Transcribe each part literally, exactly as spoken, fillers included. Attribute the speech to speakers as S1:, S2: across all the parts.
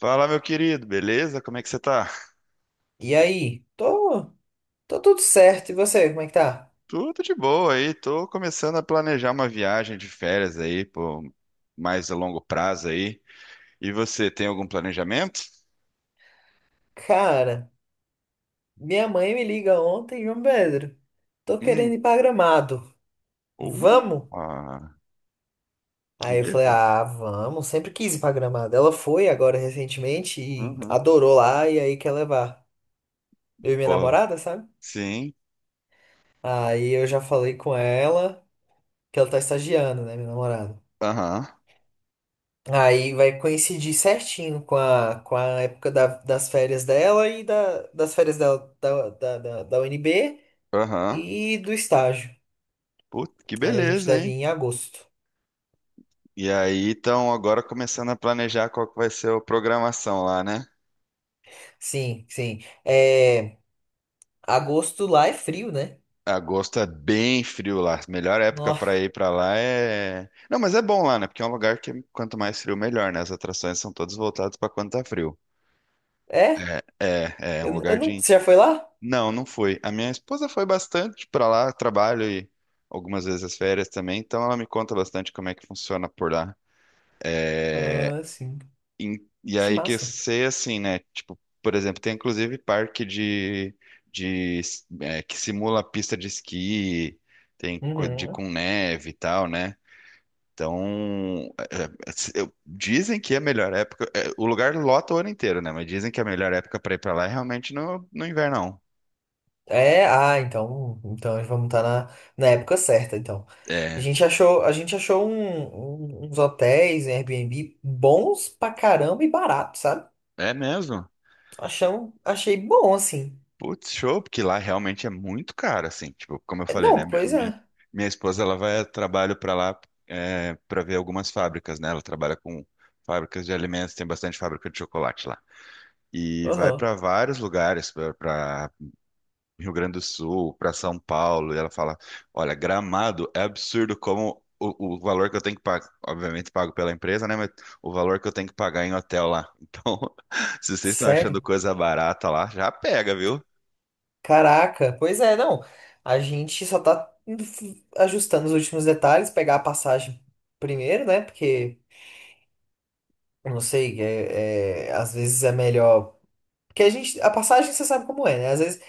S1: Fala, meu querido, beleza? Como é que você tá?
S2: E aí? Tô, tô tudo certo. E você, como é que tá?
S1: Tudo de boa aí, tô começando a planejar uma viagem de férias aí, pô, mais a longo prazo aí. E você, tem algum planejamento?
S2: Cara, minha mãe me liga ontem, João Pedro. Tô
S1: Hum.
S2: querendo ir pra Gramado.
S1: uh,
S2: Vamos?
S1: ah, que
S2: Aí eu falei,
S1: beleza.
S2: ah, vamos. Sempre quis ir pra Gramado. Ela foi agora recentemente e
S1: Uhum.
S2: adorou lá e aí quer levar. Eu e minha
S1: Pô,
S2: namorada, sabe?
S1: sim,
S2: Aí eu já falei com ela que ela tá estagiando, né, minha namorada.
S1: aham,
S2: Aí vai coincidir certinho com a, com a época da- das férias dela e da, das férias dela, da, da, da, da U N B.
S1: aham.
S2: E do estágio.
S1: Puta, que
S2: Aí a gente
S1: beleza,
S2: deve ir
S1: hein?
S2: em agosto.
S1: E aí, então, agora começando a planejar qual que vai ser a programação lá, né?
S2: Sim, sim. É, agosto lá é frio, né?
S1: Agosto é bem frio lá. Melhor época
S2: Nó-
S1: pra ir pra lá é. Não, mas é bom lá, né? Porque é um lugar que quanto mais frio, melhor, né? As atrações são todas voltadas pra quando tá frio.
S2: É?
S1: É, é é um
S2: Eu, eu
S1: lugar
S2: não,
S1: de.
S2: você já foi lá?
S1: Não, não fui. A minha esposa foi bastante pra lá, trabalho e algumas vezes as férias também, então ela me conta bastante como é que funciona por lá.
S2: Ah, sim.
S1: E, e
S2: Que
S1: aí que eu
S2: massa.
S1: sei assim, né? Tipo, por exemplo, tem inclusive parque de, de é, que simula pista de esqui, tem co- de
S2: Uhum.
S1: com neve e tal, né? Então, é, é, eu- dizem que é a melhor época. É, o lugar lota o ano inteiro, né? Mas dizem que a melhor época pra ir pra lá é realmente no, no inverno.
S2: É, ah, então, então vamos estar na, na época certa, então.
S1: Não.
S2: A
S1: É,
S2: gente achou, a gente achou um- um- uns hotéis em Airbnb bons pra caramba e baratos, sabe?
S1: é mesmo?
S2: Achamos, achei bom, assim.
S1: Putz, show, porque lá realmente é muito caro, assim. Tipo, como eu
S2: É,
S1: falei,
S2: não,
S1: né? Minha,
S2: pois
S1: minha,
S2: é.
S1: minha esposa, ela vai a trabalho para lá é, para ver algumas fábricas, né? Ela trabalha com fábricas de alimentos, tem bastante fábrica de chocolate lá. E vai
S2: Aham.
S1: para vários lugares, para Rio Grande do Sul, para São Paulo, e ela fala: Olha, Gramado é absurdo como o, o valor que eu tenho que pagar, obviamente pago pela empresa, né? Mas o valor que eu tenho que pagar em hotel lá. Então, se vocês estão achando
S2: Sério?
S1: coisa barata lá, já pega, viu?
S2: Caraca, pois é, não. A gente só tá ajustando os últimos detalhes, pegar a passagem primeiro, né? Porque, eu não sei, é, é, às vezes é melhor. Porque a gente, a passagem você sabe como é, né? Às vezes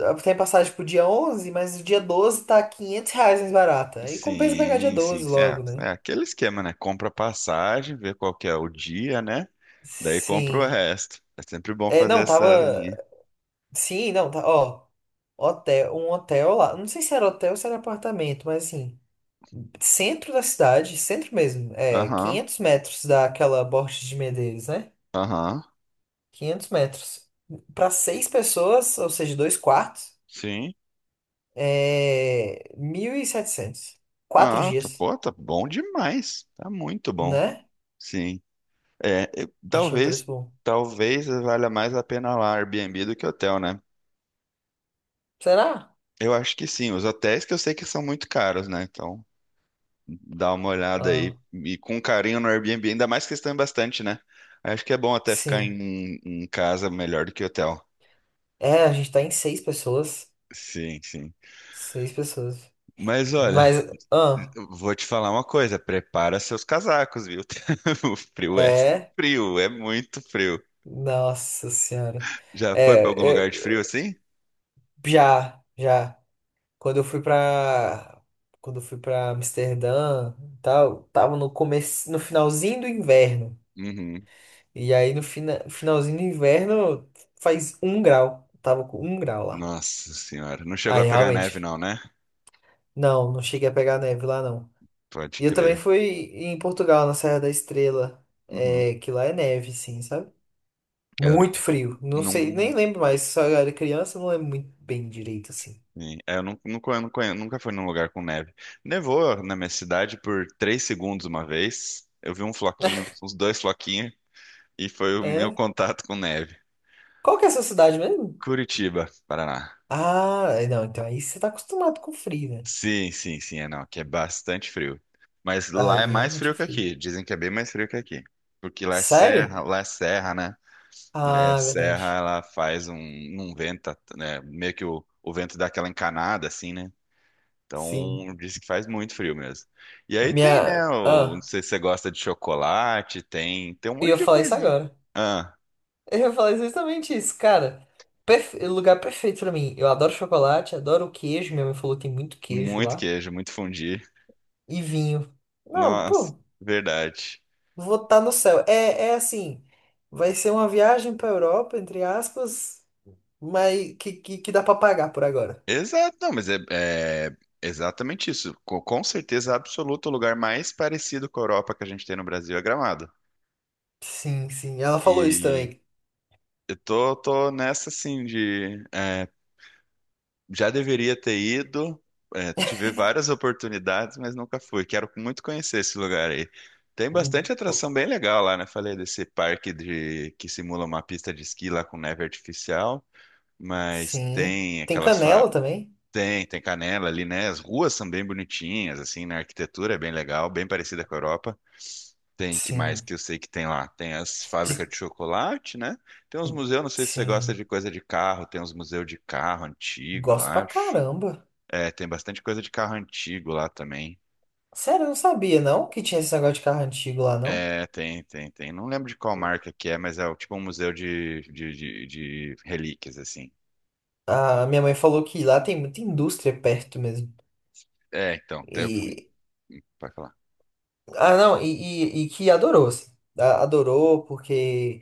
S2: ah, tem passagem pro dia onze, mas o dia doze tá quinhentos reais mais barata. Aí compensa pegar dia
S1: Sim, sim,
S2: doze
S1: sim.
S2: logo, né?
S1: É, é aquele esquema, né? Compra passagem, vê qual que é o dia, né? Daí compra o
S2: Sim.
S1: resto. É sempre bom
S2: É,
S1: fazer
S2: não,
S1: essa linha.
S2: tava. Sim, não, tá. Ó, hotel, um hotel lá. Não sei se era hotel ou se era apartamento, mas assim. Centro da cidade, centro mesmo, é
S1: Aham,
S2: quinhentos metros daquela Borges de Medeiros, né?
S1: aham,
S2: Quinhentos metros. Para seis pessoas, ou seja, dois quartos,
S1: sim.
S2: é mil e setecentos. Quatro
S1: Ah, tá,
S2: dias,
S1: pô, tá bom demais. Tá muito bom.
S2: né?
S1: Sim. É, eu-
S2: Achei um
S1: talvez,
S2: preço bom.
S1: talvez valha mais a pena lá Airbnb do que hotel, né?
S2: Será?
S1: Eu acho que sim. Os hotéis que eu sei que são muito caros, né? Então, dá uma olhada
S2: Ah,
S1: aí e com carinho no Airbnb, ainda mais que eles estão em bastante, né? Acho que é bom até ficar em,
S2: sim.
S1: um, em casa melhor do que hotel.
S2: É, a gente tá em seis pessoas.
S1: Sim, sim.
S2: Seis pessoas.
S1: Mas olha,
S2: Mas, ah,
S1: eu vou te falar uma coisa, prepara seus casacos, viu? O frio é
S2: é.
S1: frio, é muito frio.
S2: Nossa Senhora.
S1: Já foi para algum
S2: É,
S1: lugar de
S2: eu,
S1: frio assim?
S2: já, já. Quando eu fui pra. Quando eu fui pra Amsterdã e tal, tava no começo, no finalzinho do inverno.
S1: Uhum.
S2: E aí no fina, finalzinho do inverno faz um grau. Tava com um grau lá.
S1: Nossa senhora, não chegou a
S2: Aí
S1: pegar neve
S2: realmente.
S1: não, né?
S2: Não, não cheguei a pegar neve lá não.
S1: Pode
S2: E eu também
S1: crer.
S2: fui em Portugal, na Serra da Estrela.
S1: Uhum.
S2: É, que lá é neve, sim, sabe?
S1: Eu
S2: Muito frio. Não
S1: não,
S2: sei, nem
S1: sim.
S2: lembro mais. Só eu era criança, não lembro muito bem direito assim.
S1: É, eu não, não conhe- não conhe- nunca fui num lugar com neve. Nevou na minha cidade por três segundos uma vez. Eu vi um floquinho, uns dois floquinhos, e foi o meu
S2: É.
S1: contato com neve.
S2: Qual que é essa cidade mesmo?
S1: Curitiba, Paraná.
S2: Ah, é, não, então aí você tá acostumado com frio, né?
S1: Sim, sim, sim, é não, aqui é bastante frio. Mas lá
S2: Aí
S1: é mais
S2: realmente
S1: frio
S2: é
S1: que
S2: frio.
S1: aqui. Dizem que é bem mais frio que aqui. Porque lá é
S2: Sério?
S1: serra, lá é serra, né? E aí a
S2: Ah, é
S1: serra,
S2: verdade.
S1: ela faz um, um vento, né? Meio que o, o vento dá aquela encanada, assim, né?
S2: Sim.
S1: Então, diz que faz muito frio mesmo. E aí tem, né?
S2: Minha.
S1: o- não
S2: Ah,
S1: sei se você gosta de chocolate, tem, tem um
S2: eu
S1: monte
S2: ia
S1: de
S2: falar isso
S1: coisinha.
S2: agora.
S1: Ah,
S2: Eu ia falar exatamente isso, cara. Perfe... Lugar perfeito pra mim. Eu adoro chocolate, adoro o queijo. Minha mãe falou que tem muito queijo
S1: muito
S2: lá.
S1: queijo, muito fundi.
S2: E vinho. Não,
S1: Nossa,
S2: pô,
S1: verdade.
S2: vou estar no céu. É, é assim, vai ser uma viagem pra Europa, entre aspas, mas que, que, que dá pra pagar por agora.
S1: Exato, não, mas é, é exatamente isso. Co- Com, certeza absoluta, o lugar mais parecido com a Europa que a gente tem no Brasil é Gramado.
S2: Sim, sim. Ela falou isso
S1: E
S2: também.
S1: eu tô, tô nessa, assim, de. É, já deveria ter ido, é, tive várias oportunidades, mas nunca fui. Quero muito conhecer esse lugar aí. Tem bastante atração bem legal lá, né? Falei desse parque de que simula uma pista de esqui lá com neve artificial, mas
S2: Sim.
S1: tem
S2: Tem
S1: aquelas fa-
S2: canela também?
S1: tem, tem Canela ali, né? As ruas são bem bonitinhas, assim, na arquitetura é bem legal, bem parecida com a Europa. Tem que mais
S2: Sim.
S1: que eu sei que tem lá? Tem as
S2: De-
S1: fábricas de chocolate, né? Tem uns museus, não sei se você gosta
S2: Sim.
S1: de coisa de carro, tem uns museus de carro antigo, eu
S2: Gosto pra
S1: acho.
S2: caramba.
S1: É, tem bastante coisa de carro antigo lá também.
S2: Sério, eu não sabia não que tinha esse negócio de carro antigo lá, não.
S1: É, tem, tem, tem. Não lembro de qual marca que é, mas é o- tipo um museu de, de, de, de relíquias, assim.
S2: A minha mãe falou que lá tem muita indústria perto mesmo.
S1: É, então, tem-
S2: E.
S1: pode falar.
S2: Ah, não, e, e- e que adorou, assim. A- Adorou porque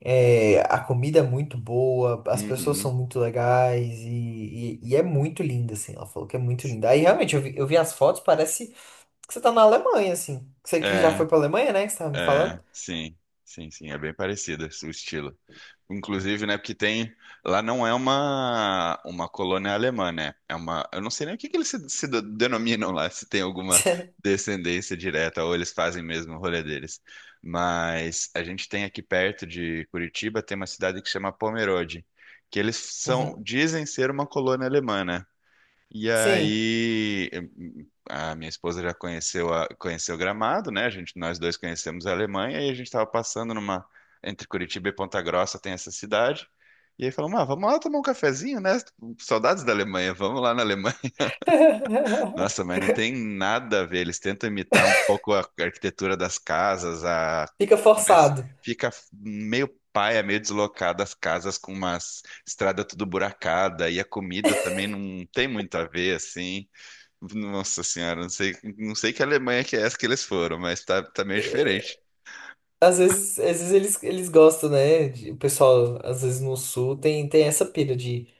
S2: é, a comida é muito boa, as pessoas
S1: Uhum.
S2: são muito legais e, e- e é muito linda, assim. Ela falou que é muito linda. Aí realmente eu vi, eu vi as fotos, parece que você tá na Alemanha, assim. Você que já
S1: É,
S2: foi pra Alemanha, né? Que você tava me falando.
S1: É, sim, sim, sim, é bem parecida o estilo. Inclusive, né, porque tem, lá não é uma uma colônia alemã, né? É uma, eu não sei nem o que que eles se, se de- denominam lá, se tem alguma descendência direta ou eles fazem mesmo o rolê deles. Mas a gente tem aqui perto de Curitiba, tem uma cidade que chama Pomerode, que eles são,
S2: Uhum.
S1: dizem ser uma colônia alemã, né? E
S2: Sim.
S1: aí eh, hum, a minha esposa já conheceu a, conheceu Gramado, né? A gente, nós dois conhecemos a Alemanha e a gente estava passando numa entre Curitiba e Ponta Grossa tem essa cidade. E aí falamos, ah, vamos lá tomar um cafezinho, né? Saudades da Alemanha, vamos lá na Alemanha. Nossa, mas não tem nada a ver. Eles tentam imitar um pouco a arquitetura das casas, a...
S2: Fica
S1: mas
S2: forçado.
S1: fica meio paia, meio deslocada as casas com uma estrada tudo buracada e a comida também não tem muito a ver, assim. Nossa senhora, não sei, não sei que Alemanha que é essa que eles foram, mas tá, tá meio diferente.
S2: É, Às vezes, às vezes eles, eles gostam, né? De- O pessoal, às vezes no sul, tem, tem essa pira de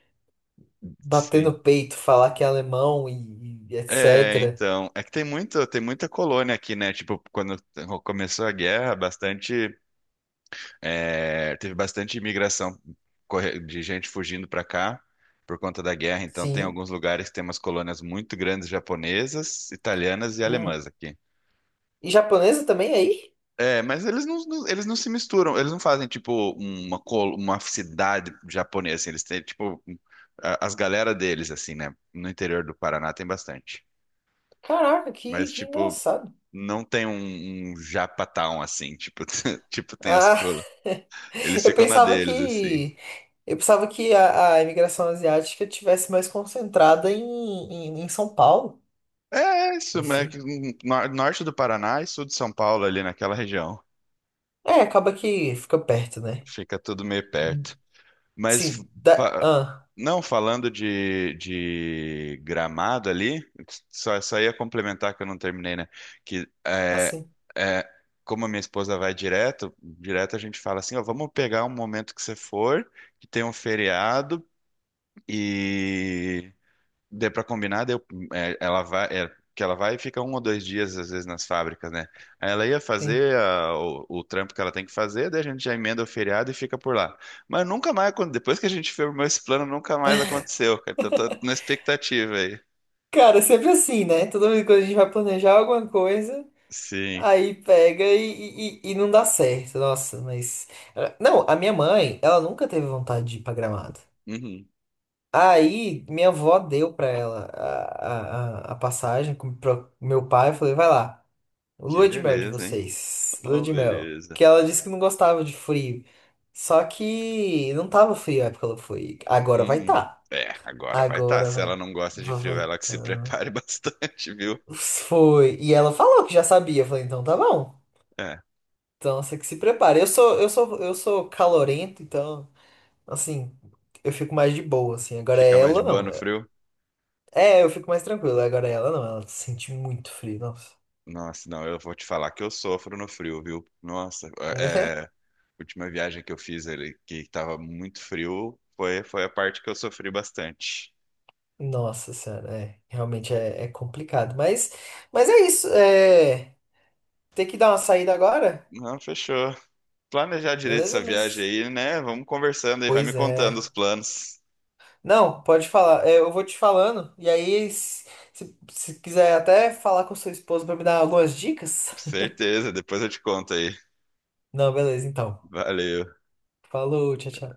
S2: bater
S1: Sim.
S2: no peito, falar que é alemão e, e
S1: É,
S2: etcétera.
S1: então, é que tem muito, tem muita colônia aqui, né? Tipo, quando começou a guerra, bastante, é, teve bastante imigração corre- de gente fugindo pra cá por conta da guerra. Então, tem
S2: Sim.
S1: alguns lugares que tem umas colônias muito grandes japonesas, italianas e
S2: Uhum.
S1: alemãs aqui.
S2: E japonesa também aí?
S1: É, mas eles não, não- eles não se misturam, eles não fazem tipo uma, col- uma cidade japonesa, assim, eles têm tipo a- as galera deles, assim, né? No interior do Paraná tem bastante.
S2: Caraca, que,
S1: Mas
S2: que
S1: tipo,
S2: engraçado.
S1: não tem um, um Japatown assim, tipo, tipo tem as
S2: Ah,
S1: colas. Eles
S2: eu
S1: ficam na
S2: pensava
S1: deles, assim.
S2: que. Eu pensava que a, a imigração asiática tivesse mais concentrada em, em, em São Paulo,
S1: É é isso, né? que
S2: assim.
S1: no- Norte do Paraná e sul de São Paulo, ali naquela região.
S2: É, acaba que fica perto, né?
S1: Fica tudo meio perto. Mas
S2: Sim, da...
S1: fa-
S2: Ah,
S1: não falando de, de Gramado ali, só, só ia complementar que eu não terminei, né? Que é,
S2: assim,
S1: é, Como a minha esposa vai direto, direto a gente fala assim, ó, vamos pegar um momento que você for, que tem um feriado e Deu pra combinar, deu, é, ela vai, é, que ela vai e fica um ou dois dias, às vezes, nas fábricas, né? Aí ela ia
S2: sim.
S1: fazer a- o, o trampo que ela tem que fazer, daí a gente já emenda o feriado e fica por lá. Mas nunca mais, acon- depois que a gente firmou esse plano, nunca mais aconteceu, cara. Então tô na expectativa aí.
S2: Cara, é sempre assim, né? Toda vez que a gente vai planejar alguma coisa,
S1: Sim.
S2: aí pega e, e, e não dá certo. Nossa, mas. Não, a minha mãe, ela nunca teve vontade de ir pra Gramado.
S1: Uhum.
S2: Aí, minha avó deu pra ela a, a, a a passagem com pro meu pai. Eu falei, vai lá,
S1: Que
S2: lua de mel de
S1: beleza, hein?
S2: vocês, lua
S1: Oh,
S2: de mel. Que
S1: beleza.
S2: ela disse que não gostava de frio. Só que não tava frio na época que ela foi. Agora vai
S1: Uhum.
S2: estar.
S1: É, agora vai estar.
S2: Agora
S1: Se
S2: vai.
S1: ela não gosta de frio,
S2: Vai
S1: ela que se
S2: tá.
S1: prepare bastante, viu?
S2: Foi. E ela falou que já sabia. Eu falei, então tá bom.
S1: É,
S2: Então você que se prepara. Eu sou, eu sou, eu sou calorento, então, assim, eu fico mais de boa, assim. Agora
S1: fica
S2: é
S1: mais de
S2: ela
S1: boa
S2: não.
S1: no frio.
S2: É, eu fico mais tranquilo. Agora é ela não. Ela sente muito frio, nossa.
S1: Nossa, não, eu vou te falar que eu sofro no frio, viu? Nossa, é, última viagem que eu fiz ali, que tava muito frio, foi, foi a parte que eu sofri bastante.
S2: Nossa senhora, é. Realmente é, é complicado. Mas, mas é isso. É, tem que dar uma saída agora,
S1: Não, fechou. Planejar direito
S2: beleza?
S1: essa viagem
S2: Mas.
S1: aí, né? Vamos conversando aí, vai me
S2: Pois
S1: contando
S2: é.
S1: os planos.
S2: Não, pode falar. É, eu vou te falando, e aí, se, se- se quiser até falar com sua esposa pra me dar algumas dicas.
S1: Com certeza, depois eu te conto aí.
S2: Não, beleza, então.
S1: Valeu.
S2: Falou, tchau, tchau.